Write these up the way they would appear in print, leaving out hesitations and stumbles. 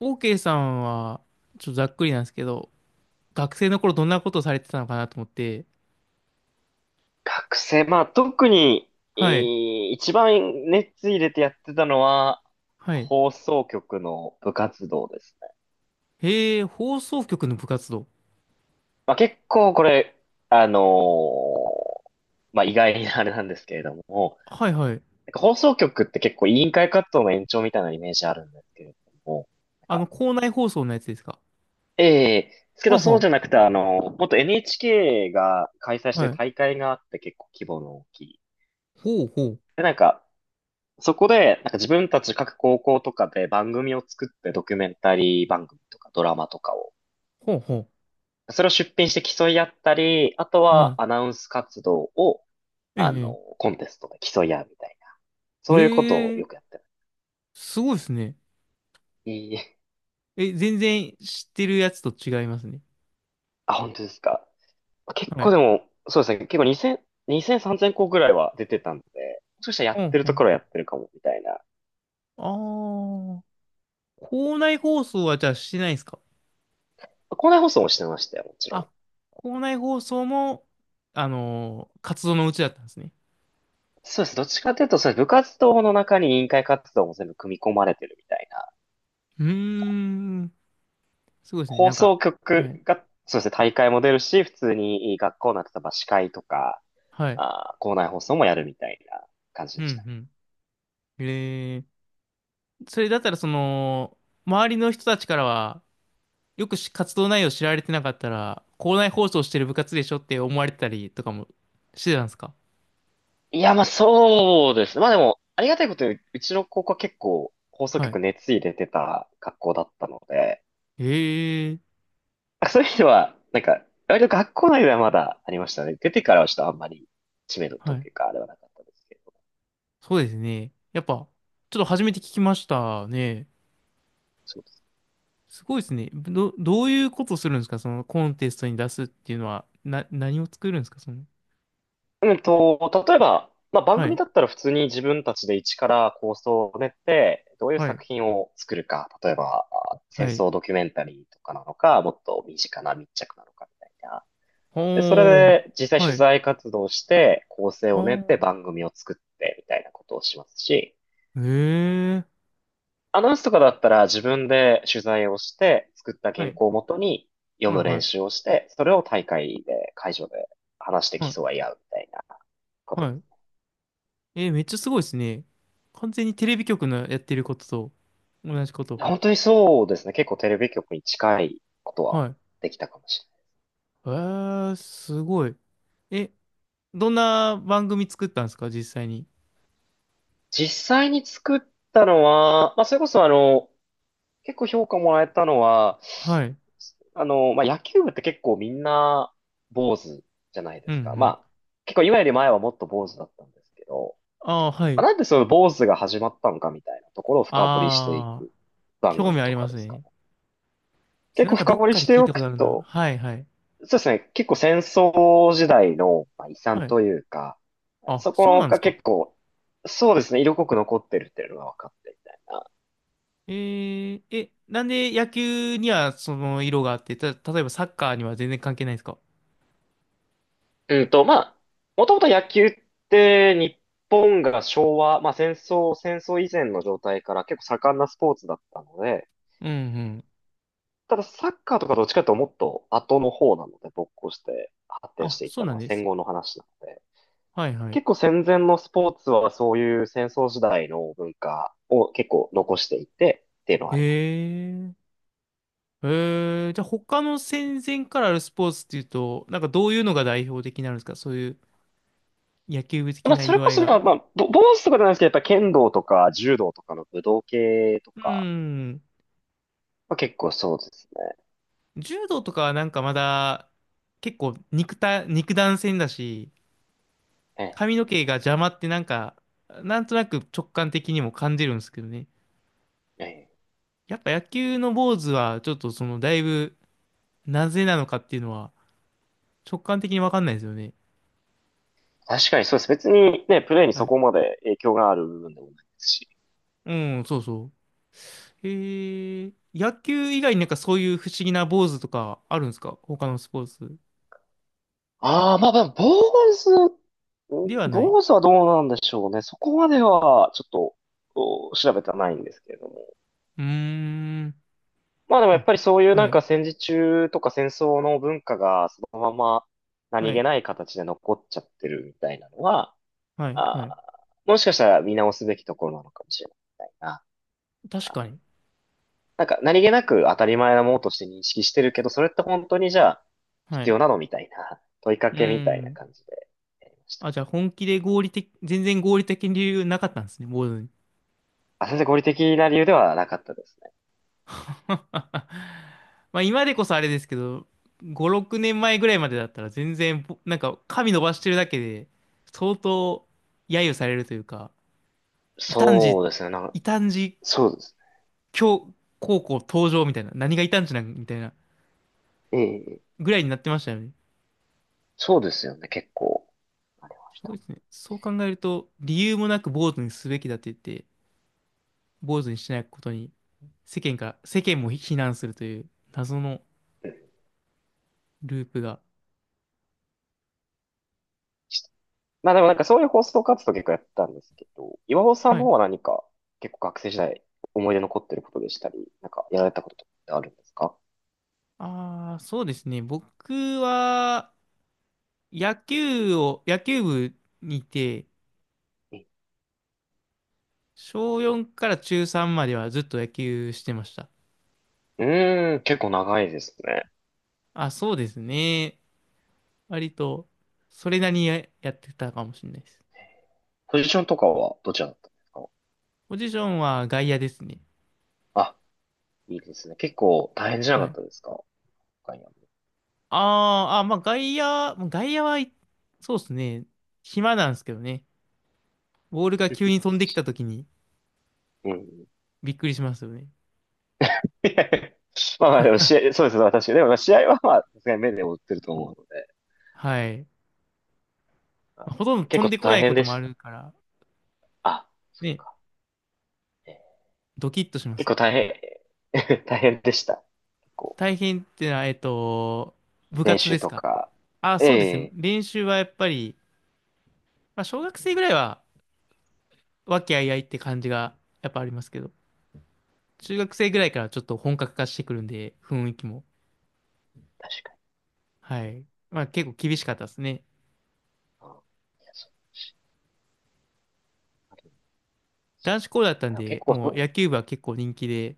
OK さんは、ちょっとざっくりなんですけど、学生の頃どんなことをされてたのかなと思って、学生、まあ特に、はい、一番熱入れてやってたのは、はい。放送局の部活動ですね。へえ、放送局の部活動。まあ結構これ、あのーまあ意外なあれなんですけれども、はいはい。なんか放送局って結構委員会活動の延長みたいなイメージあるんですけれども、なんあの、か、校内放送のやつですか？えですけはどあそうじはゃなくて、あの、もっと NHK が開催しあ、てはるい。大会があって結構規模の大きい。ほうほう、で、なんか、そこで、なんか自分たち各高校とかで番組を作ってドキュメンタリー番組とかドラマとかを、ほうほそれを出品して競い合ったり、あとう、ははアい。ナウンス活動を、えあの、え、コンテストで競い合うみたいな。えそういうことをえへよえ、くやってる。すごいですね。いいえ、全然知ってるやつと違いますね。あ、本当ですか？結は構でい。も、そうですね。結構2000、2 0 0 3000校ぐらいは出てたんで、もしかしたらやほっんてるほとん。ころはやってるかも、みたいな。ああ、校内放送はじゃあしてないんですか？校内放送もしてましたよ、もちろん。あ、校内放送も、活動のうちだったんですね。そうです。どっちかというと、そうです、部活動の中に委員会活動も全部組み込まれてるみたいな、うーん。すごいですね。放なんか、送は局い。が、そうですね、大会も出るし、普通に学校の例えば司会とか、はい。あー、校内放送もやるみたいな感じうん、でしたね。うん。えー、それだったら、その、周りの人たちからは、よくし活動内容知られてなかったら、校内放送してる部活でしょって思われてたりとかもしてたんですか？いや、まあそうですね。まあでも、ありがたいことに、うちの高校は結構放送はい。局熱入れてた学校だったので、えー、あそういう意味では、なんか、割と学校内ではまだありましたね。出てからはちょっとあんまり知名度とはい。いうか、あれはなかったですけど。そうですね。やっぱ、ちょっと初めて聞きましたね。そうです。すごいですね。どういうことするんですか、そのコンテストに出すっていうのは、何を作るんですか、その。うんと、例えば、まあ、番は組い。だったら普通に自分たちで一から構想を練って、どういうはい。作品を作るか、例えば、あ戦はい。争ドキュメンタリーとかなのか、もっと身近な密着なのかみたいな。で、それおー、で実際は取い。材活動して、構成を練ってお番組を作ってみたいなことをしますし、ー、えー、アナウンスとかだったら自分で取材をして、作ったは原い、稿をもとに読はい、むは練い、習をして、それを大会で、会場で話してはい、競い合うみたいなことはですい。ね。えー、めっちゃすごいですね。完全にテレビ局のやってることと同じこと。本当にそうですね。結構テレビ局に近いことははい。できたかもしれない。えー、すごい。え、どんな番組作ったんですか、実際に？実際に作ったのは、まあ、それこそあの、結構評価もらえたのは、はい。あの、まあ、野球部って結構みんな坊主じゃないでうん、うすか。まん。あ、結構今より前はもっと坊主だったんですけど、ああ、はまい。あ、なんでその坊主が始まったのかみたいなところを深掘りしていああ、く番興味組あとりかますですかね。ね。結なん構かど深っ掘りかしでて聞いおたこくとあるな。と、はい、はい。そうですね、結構戦争時代のまあ遺産はい。というか、あ、そそうこなんですがか？結構、そうですね、色濃く残ってるっていうのが分かってみたいな。え、なんで野球にはその色があって、例えばサッカーには全然関係ないですか？うんと、まあ、もともと野球って日本が昭和、まあ戦争以前の状態から結構盛んなスポーツだったので、うんうん。ただサッカーとかどっちかというともっと後の方なので、勃興して発展しあ、ていっそうたのなんはで戦す。後の話なので、はいはい。結構戦前のスポーツはそういう戦争時代の文化を結構残していてっていうのはへあります。え、へえ、じゃあ他の戦前からあるスポーツっていうと、なんかどういうのが代表的になるんですか、そういう野球部ま的あ、なそれ色合こいそ、まあ、が。まあ、ぼ坊主とかじゃないですけど、やっぱ剣道とか柔道とかの武道系とうか、ん。まあ、結構そうですね。柔道とかはなんかまだ結構肉弾戦だし、髪の毛が邪魔ってなんか、なんとなく直感的にも感じるんですけどね。ええ、ええ。やっぱ野球の坊主は、ちょっとその、だいぶ、なぜなのかっていうのは、直感的にわかんないですよね。確かにそうです。別にね、プレイにはそい。こまで影響がある部分でもないですし。うん、そうそう。へえ、野球以外になんかそういう不思議な坊主とかあるんですか、他のスポーツああ、まあまあ、坊主、では？ない。坊主はどうなんでしょうね。そこまでは、ちょっと、お調べてはないんですけれども。うーん。まあでもやっあ、ぱりそういうなはんい、か戦時中とか戦争の文化がそのままは何気い、ない形で残っちゃってるみたいなのは、はい、はあい。ー、もしかしたら見直すべきところなのかもしれない、みたいな。確あーかに。なんか何気なく当たり前なものとして認識してるけど、それって本当にじゃあは必い。要なのみたいな問いかうーけみたいなん。感じでやりましたね。あ、じゃあ本気で合理的、全然合理的に理由なかったんですね、坊主に。あ、全然合理的な理由ではなかったですね。まあ今でこそあれですけど、5、6年前ぐらいまでだったら全然、なんか髪伸ばしてるだけで、相当揶揄されるというか、異端児、そうですね。なんか、異端児そうです教高校登場みたいな、何が異端児なんみたいなね。ええ、ぐらいになってましたよね。そうですよね。結構。ありますしごた。いですね。そう考えると、理由もなく坊主にすべきだって言って、坊主にしないことに、世間も非難するという謎のうん。ループが。まあでもなんかそういう放送活動結構やったんですけど、岩尾さんはの方い。は何か結構学生時代思い出残ってることでしたり、なんかやられたこととかってあるんですか？ああ、そうですね。僕は、野球部にいて、う小4から中3まではずっと野球してました。ーん、結構長いですね。あ、そうですね。割と、それなりにややってたかもしれないです。ポジションとかはどちらだったんですか？ポジションは外野ですね。あ、いいですね。結構大変じゃはなかっい。たですか、他には？あーあ、まあ外野、もう外野は、いそうですね。暇なんですけどね。ボールが急に飛んできた時にうん。びっくりしますよね。いや、まあまあでも試合、そうですね、私。でもまあ試合はまあ、さすがに目で追ってると思うので、はい。まああほとんど結飛ん構でこな大いこ変とでもあした。るから、あ、そっね、か。えードキッとしま結す。構大変、大変でした。結構、大変ってのは、部練活で習すとか？か。あ、そうですね。ええ、練習はやっぱり、まあ、小学生ぐらいは和気あいあいって感じがやっぱありますけど、中学生ぐらいからちょっと本格化してくるんで、雰囲気も。確かはい。まあ結構厳しかったですね。に。うんいやそう男子校だったあんでも結で、構そもうう、野球部は結構人気で、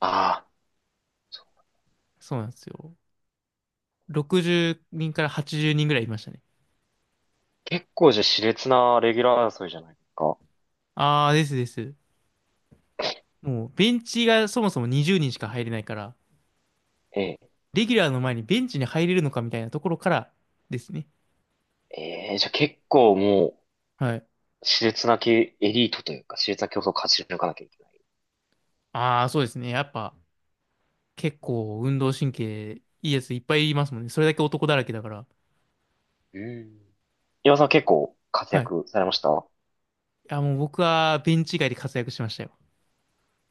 ああ、そう、そうなんですよ。60人から80人ぐらいいましたね。結構じゃあ熾烈なレギュラー争いじゃないですか。ああ、ですです。もうベンチがそもそも20人しか入れないから、ええ、レギュラーの前にベンチに入れるのかみたいなところからですね。ええ、じゃあ結構もはい。う、熾烈なけエリートというか、熾烈な競争を勝ち抜かなきゃいけない。ああ、そうですね。やっぱ、結構運動神経いいやついっぱいいますもんね。それだけ男だらけだから。うん。岩尾さんは結構活はい。い躍されました？や、もう僕はベンチ外で活躍しましたよ。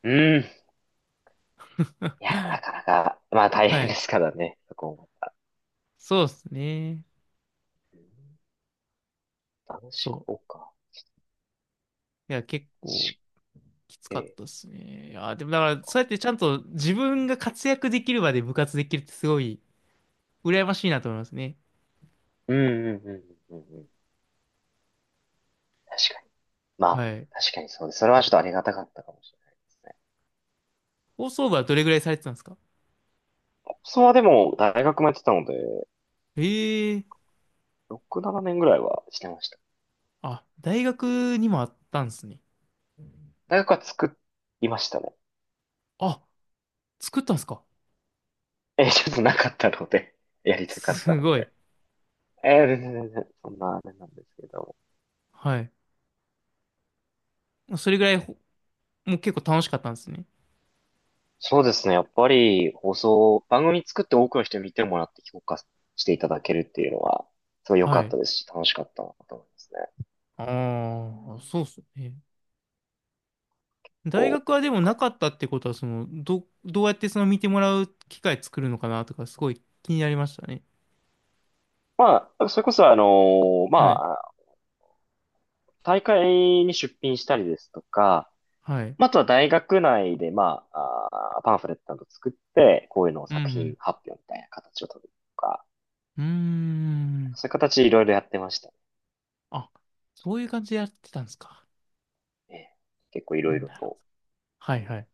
うん。いや、でもなかなか、まあ大は変でい。すからね、そこも。そうですね。男子そ校か。う。いや、結構しきつえかっえ。たですね。いや、でもだから、そうやってちゃんと自分が活躍できる場で部活できるってすごい羨ましいなと思いますね。うんうんうんうんうん。確かに。まあ、はい。確かにそうです。それはちょっとありがたかったかもしれないですね。放送部はどれぐらいされてたんですか？それはでも、大学もやってたので、ええ、6、7年ぐらいはしてました。あ、大学にもあったんですね。大学は作りましたね。あ、作ったんですか？ え、ちょっとなかったので、やりたかったすのごい。で。全然、そんなあれなんですけど。はい。それぐらいもう結構楽しかったんですね。そうですね、やっぱり放送、番組作って多くの人に見てもらって評価していただけるっていうのは、すごい良はかっい。たですし、楽しかったなと思いますね。ああ、そうっすね。大こ学はでう、なもんかなかったってことは、その、どうやってその見てもらう機会作るのかなとか、すごい気になりましたね。まあ、それこそはまい。あ、大会に出品したりですとか、はい。まああとは大学内で、まあ、あーパンフレットなど作って、こういうのをう作品ん。発表みたいな形を取るとか、うーん。そういう形でいろいろやってました。あ、そういう感じでやってたんですか。ええ、結構いろいろなるほど。と。はいはい。